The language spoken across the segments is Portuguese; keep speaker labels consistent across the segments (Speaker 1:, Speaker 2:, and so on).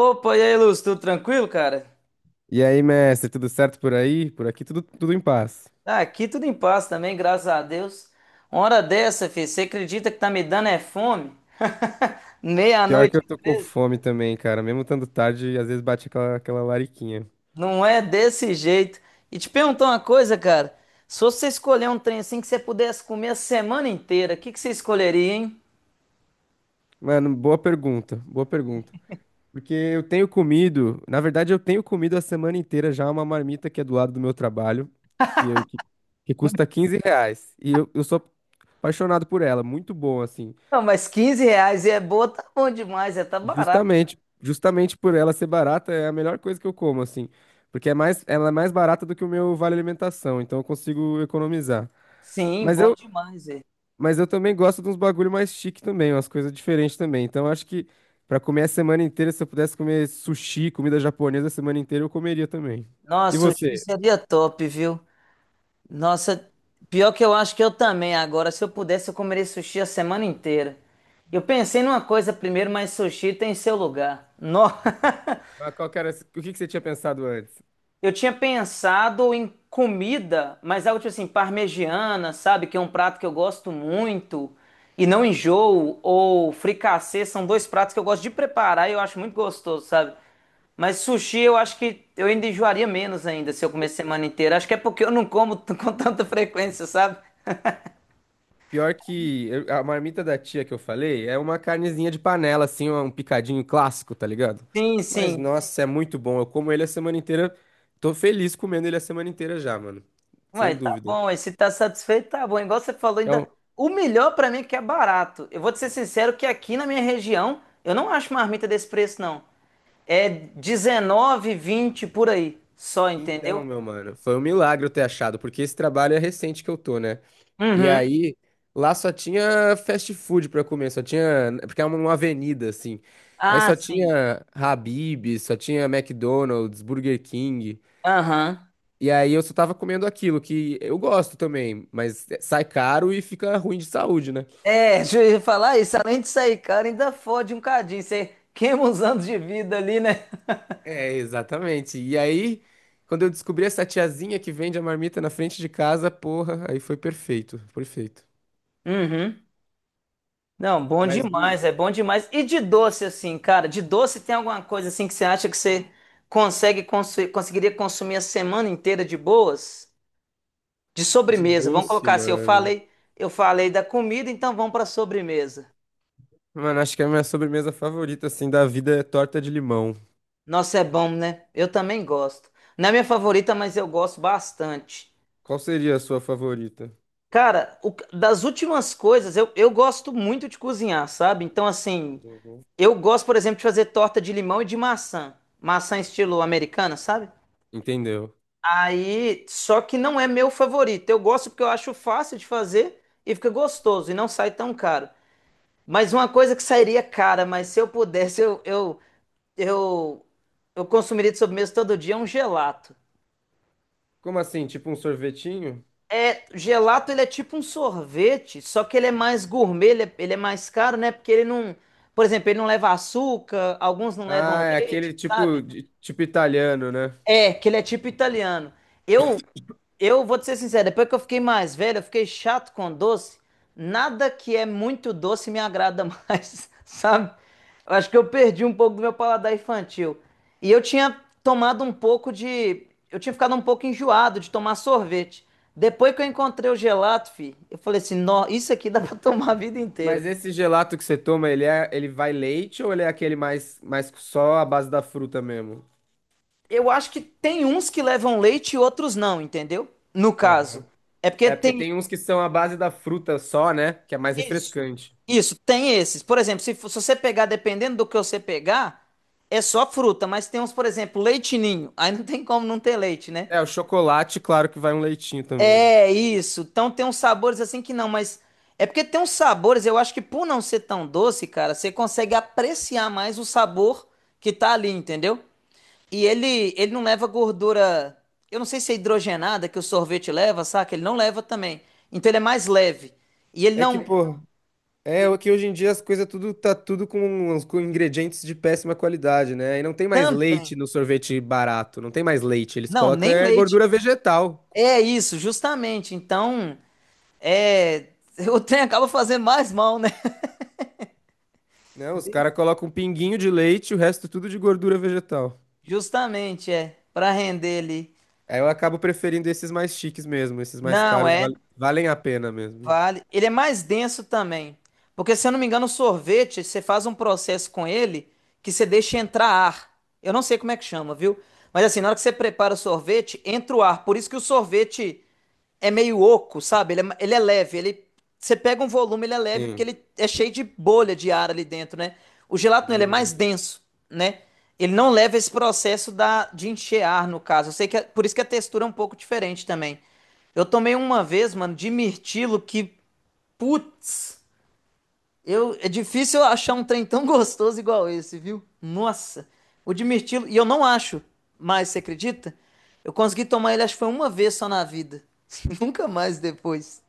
Speaker 1: Opa, e aí, Lúcio, tudo tranquilo, cara?
Speaker 2: E aí, mestre, tudo certo por aí? Por aqui tudo em paz.
Speaker 1: Ah, aqui tudo em paz também, graças a Deus. Uma hora dessa, filho, você acredita que tá me dando é fome?
Speaker 2: Pior que
Speaker 1: Meia-noite,
Speaker 2: eu tô
Speaker 1: e
Speaker 2: com
Speaker 1: 13?
Speaker 2: fome também, cara. Mesmo estando tarde, às vezes bate aquela lariquinha.
Speaker 1: Não é desse jeito. E te perguntar uma coisa, cara. Se você escolher um trem assim que você pudesse comer a semana inteira, o que que você escolheria, hein?
Speaker 2: Mano, boa pergunta. Porque eu tenho comido, na verdade, eu tenho comido a semana inteira já uma marmita que é do lado do meu trabalho, que, eu, que, que custa 15 reais. E eu sou apaixonado por ela, muito bom, assim.
Speaker 1: Não, mas 15 reais e é boa, tá bom demais, é, tá barato.
Speaker 2: Justamente por ela ser barata, é a melhor coisa que eu como, assim. Porque é mais, ela é mais barata do que o meu vale alimentação, então eu consigo economizar.
Speaker 1: Sim,
Speaker 2: Mas
Speaker 1: bom
Speaker 2: eu,
Speaker 1: demais, é.
Speaker 2: mas eu também gosto de uns bagulho mais chique também, umas coisas diferentes também. Então eu acho que pra comer a semana inteira, se eu pudesse comer sushi, comida japonesa a semana inteira, eu comeria também. E
Speaker 1: Nossa, o sushi
Speaker 2: você?
Speaker 1: seria top, viu? Nossa, pior que eu acho que eu também agora. Se eu pudesse, eu comeria sushi a semana inteira. Eu pensei numa coisa primeiro, mas sushi tem seu lugar. No...
Speaker 2: Mas qual que era, o que que você tinha pensado antes?
Speaker 1: Eu tinha pensado em comida, mas algo tipo assim, parmegiana, sabe? Que é um prato que eu gosto muito e não enjoo. Ou fricassê, são dois pratos que eu gosto de preparar e eu acho muito gostoso, sabe? Mas sushi eu acho que eu ainda enjoaria menos ainda se eu comer semana inteira. Acho que é porque eu não como com tanta frequência, sabe?
Speaker 2: A marmita da tia que eu falei é uma carnezinha de panela, assim, um picadinho clássico, tá ligado?
Speaker 1: Sim,
Speaker 2: Mas
Speaker 1: sim.
Speaker 2: nossa, é muito bom. Eu como ele a semana inteira. Tô feliz comendo ele a semana inteira já, mano.
Speaker 1: Ué,
Speaker 2: Sem
Speaker 1: tá
Speaker 2: dúvida.
Speaker 1: bom, aí se tá satisfeito, tá bom. Igual você falou, ainda.
Speaker 2: Então,
Speaker 1: O melhor pra mim é que é barato. Eu vou te ser sincero que aqui na minha região, eu não acho marmita desse preço, não. É 19, 20 por aí, só, entendeu?
Speaker 2: então, meu mano, foi um milagre eu ter achado, porque esse trabalho é recente que eu tô, né? E
Speaker 1: Uhum.
Speaker 2: aí, lá só tinha fast food pra comer, só tinha. Porque é uma avenida, assim. Aí
Speaker 1: Ah,
Speaker 2: só
Speaker 1: sim.
Speaker 2: tinha Habib, só tinha McDonald's, Burger King.
Speaker 1: Aham.
Speaker 2: E aí eu só tava comendo aquilo que eu gosto também, mas sai caro e fica ruim de saúde, né?
Speaker 1: É, deixa eu falar isso. Além de sair, cara, ainda fode um cadinho. Você queima uns anos de vida ali, né?
Speaker 2: É, exatamente. E aí, quando eu descobri essa tiazinha que vende a marmita na frente de casa, porra, aí foi perfeito.
Speaker 1: Uhum. Não, bom
Speaker 2: Mas do,
Speaker 1: demais, é bom demais. E de doce, assim, cara, de doce tem alguma coisa assim que você acha que você consegue conseguiria consumir a semana inteira de boas? De
Speaker 2: de
Speaker 1: sobremesa, vamos
Speaker 2: doce,
Speaker 1: colocar assim, eu
Speaker 2: mano.
Speaker 1: falei, eu falei da comida, então vamos para sobremesa.
Speaker 2: Mano, acho que é a minha sobremesa favorita, assim, da vida é torta de limão.
Speaker 1: Nossa, é bom, né? Eu também gosto. Não é minha favorita, mas eu gosto bastante.
Speaker 2: Qual seria a sua favorita?
Speaker 1: Cara, das últimas coisas, eu gosto muito de cozinhar, sabe? Então, assim,
Speaker 2: Uhum.
Speaker 1: eu gosto, por exemplo, de fazer torta de limão e de maçã. Maçã estilo americana, sabe?
Speaker 2: Entendeu?
Speaker 1: Aí, só que não é meu favorito. Eu gosto porque eu acho fácil de fazer e fica gostoso e não sai tão caro. Mas uma coisa que sairia cara, mas se eu pudesse, eu, eu consumiria de sobremesa todo dia, é um gelato.
Speaker 2: Como assim? Tipo um sorvetinho?
Speaker 1: É, gelato ele é tipo um sorvete, só que ele é mais gourmet, ele é mais caro, né? Porque ele não, por exemplo, ele não leva açúcar, alguns não levam
Speaker 2: Ah, é
Speaker 1: leite,
Speaker 2: aquele
Speaker 1: sabe?
Speaker 2: tipo, tipo italiano, né?
Speaker 1: É, que ele é tipo italiano. Eu Eu vou te ser sincero, depois que eu fiquei mais velho, eu fiquei chato com doce. Nada que é muito doce me agrada mais, sabe? Eu acho que eu perdi um pouco do meu paladar infantil. E eu tinha tomado um pouco de. Eu tinha ficado um pouco enjoado de tomar sorvete. Depois que eu encontrei o gelato, eu falei assim: Nó, isso aqui dá pra tomar a vida inteira.
Speaker 2: Mas esse gelato que você toma, ele vai leite ou ele é aquele mais só a base da fruta mesmo?
Speaker 1: Eu acho que tem uns que levam leite e outros não, entendeu? No caso.
Speaker 2: Aham.
Speaker 1: É porque
Speaker 2: É, porque
Speaker 1: tem,
Speaker 2: tem uns que são a base da fruta só, né? Que é mais
Speaker 1: Isso,
Speaker 2: refrescante.
Speaker 1: isso, tem esses. Por exemplo, se você pegar, dependendo do que você pegar, é só fruta, mas tem uns, por exemplo, leite ninho. Aí não tem como não ter leite, né?
Speaker 2: É, o chocolate, claro que vai um leitinho também, né?
Speaker 1: É isso. Então tem uns sabores assim que não, mas é porque tem uns sabores, eu acho que por não ser tão doce, cara, você consegue apreciar mais o sabor que tá ali, entendeu? E ele não leva gordura. Eu não sei se é hidrogenada que o sorvete leva, saca? Ele não leva também. Então ele é mais leve. E ele
Speaker 2: É que,
Speaker 1: não.
Speaker 2: pô, é o que hoje em dia as coisas tudo tá tudo com ingredientes de péssima qualidade, né? E não tem mais leite
Speaker 1: Também.
Speaker 2: no sorvete barato, não tem mais leite, eles
Speaker 1: Não,
Speaker 2: colocam
Speaker 1: nem
Speaker 2: é,
Speaker 1: leite.
Speaker 2: gordura vegetal,
Speaker 1: É isso, justamente. Então, é, o trem acaba fazendo mais mal, né?
Speaker 2: né? Os caras colocam um pinguinho de leite, o resto tudo de gordura vegetal.
Speaker 1: Justamente, é, para render ali.
Speaker 2: Aí eu acabo preferindo esses mais chiques mesmo, esses mais
Speaker 1: Não,
Speaker 2: caros
Speaker 1: é.
Speaker 2: valem a pena mesmo, né?
Speaker 1: Vale. Ele é mais denso também. Porque, se eu não me engano, o sorvete, você faz um processo com ele que você deixa entrar ar. Eu não sei como é que chama, viu? Mas assim, na hora que você prepara o sorvete, entra o ar. Por isso que o sorvete é meio oco, sabe? Ele é leve. Ele, você pega um volume, ele é leve, porque
Speaker 2: Sim,
Speaker 1: ele é cheio de bolha de ar ali dentro, né? O gelato, não, ele é mais
Speaker 2: visão.
Speaker 1: denso, né? Ele não leva esse processo de encher ar, no caso. Eu sei que é, por isso que a textura é um pouco diferente também. Eu tomei uma vez, mano, de mirtilo que, putz, eu, é difícil eu achar um trem tão gostoso igual esse, viu? Nossa, o de mirtilo, e eu não acho mais, você acredita? Eu consegui tomar ele, acho que foi uma vez só na vida. Nunca mais depois.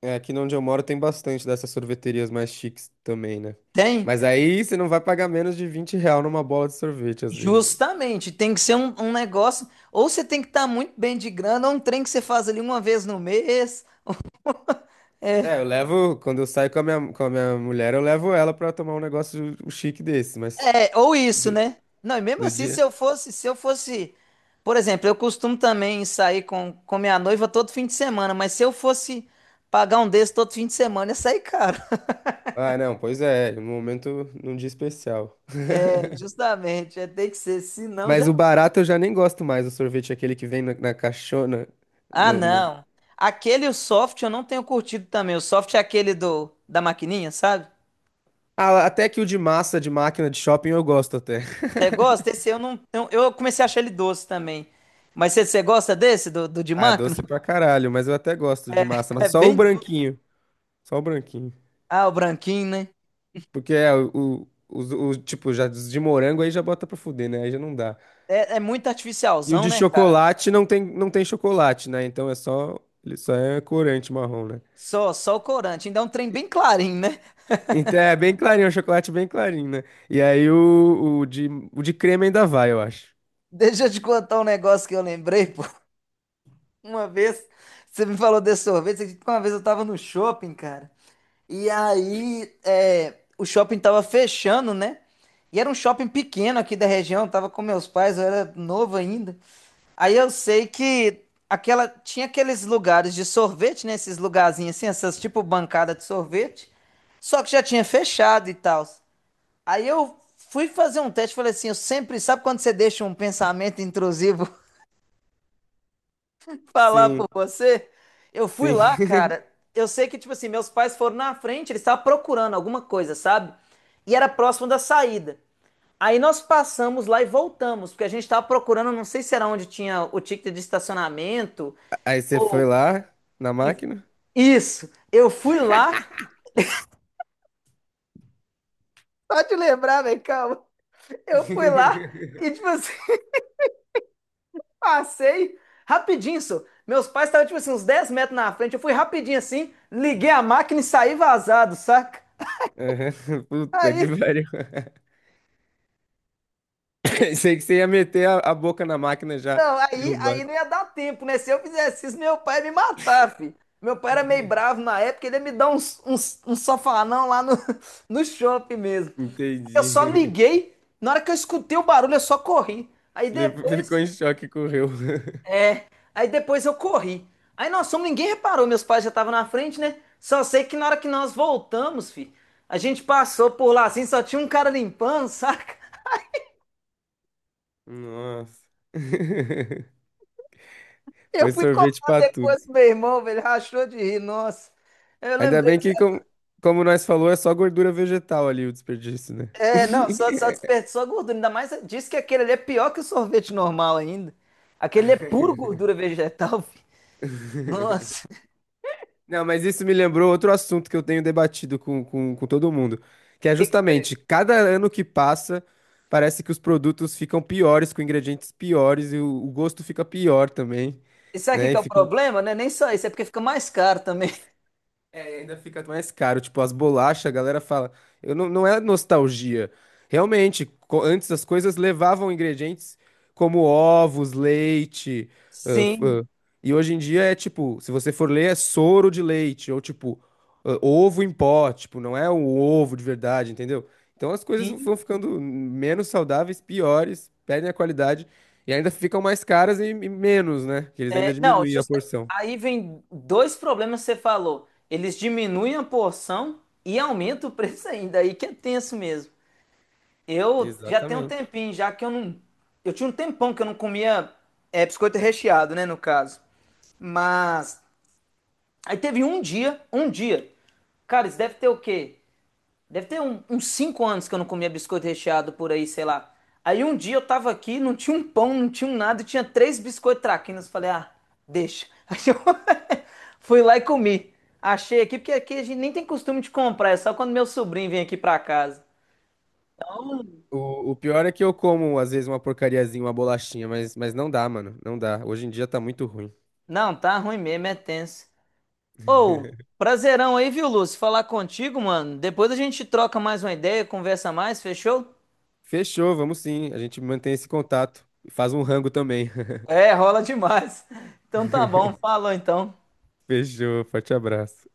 Speaker 2: É, aqui onde eu moro tem bastante dessas sorveterias mais chiques também, né?
Speaker 1: Tem?
Speaker 2: Mas aí você não vai pagar menos de 20 real numa bola de sorvete, às vezes.
Speaker 1: Justamente, tem que ser um negócio, ou você tem que estar muito bem de grana, ou um trem que você faz ali uma vez no mês.
Speaker 2: É, eu levo, quando eu saio com a minha mulher, eu levo ela pra tomar um negócio um chique desse, mas
Speaker 1: É, ou isso,
Speaker 2: no
Speaker 1: né? Não, e mesmo
Speaker 2: no
Speaker 1: assim, se
Speaker 2: dia...
Speaker 1: eu fosse, se eu fosse, por exemplo, eu costumo também sair com minha noiva todo fim de semana, mas se eu fosse pagar um desses todo fim de semana, ia sair caro.
Speaker 2: Ah, não, pois é, no momento, num dia especial.
Speaker 1: É, justamente, é, tem que ser, senão já.
Speaker 2: Mas o barato eu já nem gosto mais, o sorvete é aquele que vem na caixona.
Speaker 1: Ah, não. Aquele o soft eu não tenho curtido também. O soft é aquele do da maquininha, sabe?
Speaker 2: Ah, até que o de massa de máquina de shopping eu gosto até.
Speaker 1: Você gosta? Esse eu não. Eu comecei a achar ele doce também. Mas você gosta desse, do de
Speaker 2: Ah, é
Speaker 1: máquina?
Speaker 2: doce pra caralho, mas eu até gosto de massa,
Speaker 1: É
Speaker 2: mas só o
Speaker 1: bem doce.
Speaker 2: branquinho. Só o branquinho.
Speaker 1: Ah, o branquinho, né?
Speaker 2: Porque é o tipo, já os de morango aí já bota pra fuder, né? Aí já não dá.
Speaker 1: É muito
Speaker 2: E o
Speaker 1: artificialzão,
Speaker 2: de
Speaker 1: né?
Speaker 2: chocolate não tem chocolate, né? Então é só, ele só é corante marrom, né?
Speaker 1: Só o corante. Ainda é um trem bem clarinho, né?
Speaker 2: Então é bem clarinho, é um chocolate bem clarinho, né? E aí o de creme ainda vai, eu acho.
Speaker 1: Deixa eu te contar um negócio que eu lembrei, pô. Uma vez, você me falou desse sorvete, você acredita que uma vez eu tava no shopping, cara. E aí, o shopping tava fechando, né? E era um shopping pequeno aqui da região, eu tava com meus pais, eu era novo ainda. Aí eu sei que aquela tinha aqueles lugares de sorvete, né? Esses lugarzinhos assim, essas tipo bancada de sorvete. Só que já tinha fechado e tal. Aí eu fui fazer um teste, falei assim, eu sempre, sabe quando você deixa um pensamento intrusivo falar
Speaker 2: Sim,
Speaker 1: por você? Eu fui
Speaker 2: sim.
Speaker 1: lá, cara. Eu sei que, tipo assim, meus pais foram na frente, eles estavam procurando alguma coisa, sabe? E era próximo da saída. Aí nós passamos lá e voltamos, porque a gente estava procurando, não sei se era onde tinha o ticket de estacionamento.
Speaker 2: Aí você foi
Speaker 1: ou-
Speaker 2: lá na máquina?
Speaker 1: Isso. Eu fui lá, só te lembrar, velho, calma. Eu fui lá e, tipo assim, passei rapidinho, só. Meus pais estavam, tipo assim, uns 10 metros na frente. Eu fui rapidinho assim, liguei a máquina e saí vazado, saca?
Speaker 2: Aham. Puta que
Speaker 1: Aí,
Speaker 2: pariu. Sei que você ia meter a boca na máquina já
Speaker 1: não, aí
Speaker 2: derrubar.
Speaker 1: não ia dar tempo, né? Se eu fizesse isso, meu pai ia me matar, filho. Meu pai era meio bravo na época, ele ia me dar um sofanão lá no, no shopping mesmo. Eu só
Speaker 2: Entendi.
Speaker 1: liguei, na hora que eu escutei o barulho, eu só corri. Aí
Speaker 2: Ficou
Speaker 1: depois,
Speaker 2: em choque e correu.
Speaker 1: Aí depois eu corri. Aí nós fomos, ninguém reparou, meus pais já estavam na frente, né? Só sei que na hora que nós voltamos, a gente passou por lá assim, só tinha um cara limpando, saca?
Speaker 2: Nossa.
Speaker 1: Eu
Speaker 2: Foi
Speaker 1: fui
Speaker 2: sorvete
Speaker 1: cobrar
Speaker 2: pra tudo.
Speaker 1: depois pro meu irmão, velho, rachou de rir, nossa. Eu
Speaker 2: Ainda
Speaker 1: lembrei
Speaker 2: bem
Speaker 1: disso.
Speaker 2: que, como nós falou, é só gordura vegetal ali o desperdício, né?
Speaker 1: É, não, só desperdiçou a gordura. Ainda mais disse que aquele ali é pior que o sorvete normal ainda. Aquele é puro gordura vegetal, filho. Nossa, o
Speaker 2: Não, mas isso me lembrou outro assunto que eu tenho debatido com, com todo mundo, que é
Speaker 1: que que pega?
Speaker 2: justamente cada ano que passa, parece que os produtos ficam piores, com ingredientes piores, e o gosto fica pior também,
Speaker 1: E sabe o que
Speaker 2: né?
Speaker 1: que
Speaker 2: E
Speaker 1: é o
Speaker 2: fica,
Speaker 1: problema, né? Nem só isso, é porque fica mais caro também.
Speaker 2: é, e ainda fica mais caro. Tipo, as bolachas, a galera fala. Eu não, não é nostalgia. Realmente, antes as coisas levavam ingredientes como ovos, leite. ãh, f-
Speaker 1: Sim,
Speaker 2: ãh, e hoje em dia é tipo, se você for ler, é soro de leite. Ou tipo, ovo em pó. Tipo, não é um ovo de verdade, entendeu? Então as coisas vão
Speaker 1: sim.
Speaker 2: ficando menos saudáveis, piores, perdem a qualidade. E ainda ficam mais caras e menos, né? Que eles ainda
Speaker 1: É, não,
Speaker 2: diminuem a porção.
Speaker 1: aí vem dois problemas que você falou. Eles diminuem a porção e aumentam o preço ainda. Aí que é tenso mesmo. Eu já tenho um
Speaker 2: Exatamente.
Speaker 1: tempinho, já que eu não. Eu tinha um tempão que eu não comia biscoito recheado, né, no caso. Mas. Aí teve um dia, um dia. Cara, isso deve ter o quê? Deve ter uns 5 anos que eu não comia biscoito recheado por aí, sei lá. Aí um dia eu tava aqui, não tinha um pão, não tinha um nada, e tinha três biscoitos traquinas. Falei, ah, deixa. Aí eu fui lá e comi. Achei aqui, porque aqui a gente nem tem costume de comprar, é só quando meu sobrinho vem aqui pra casa. Então,
Speaker 2: O pior é que eu como, às vezes, uma porcariazinha, uma bolachinha, mas não dá, mano. Não dá. Hoje em dia tá muito ruim.
Speaker 1: não, tá ruim mesmo, é tenso. Ô, prazerão aí, viu, Lúcio? Falar contigo, mano. Depois a gente troca mais uma ideia, conversa mais, fechou?
Speaker 2: Fechou, vamos sim. A gente mantém esse contato. Faz um rango também.
Speaker 1: É, rola demais. Então tá bom, falou então.
Speaker 2: Fechou, forte abraço.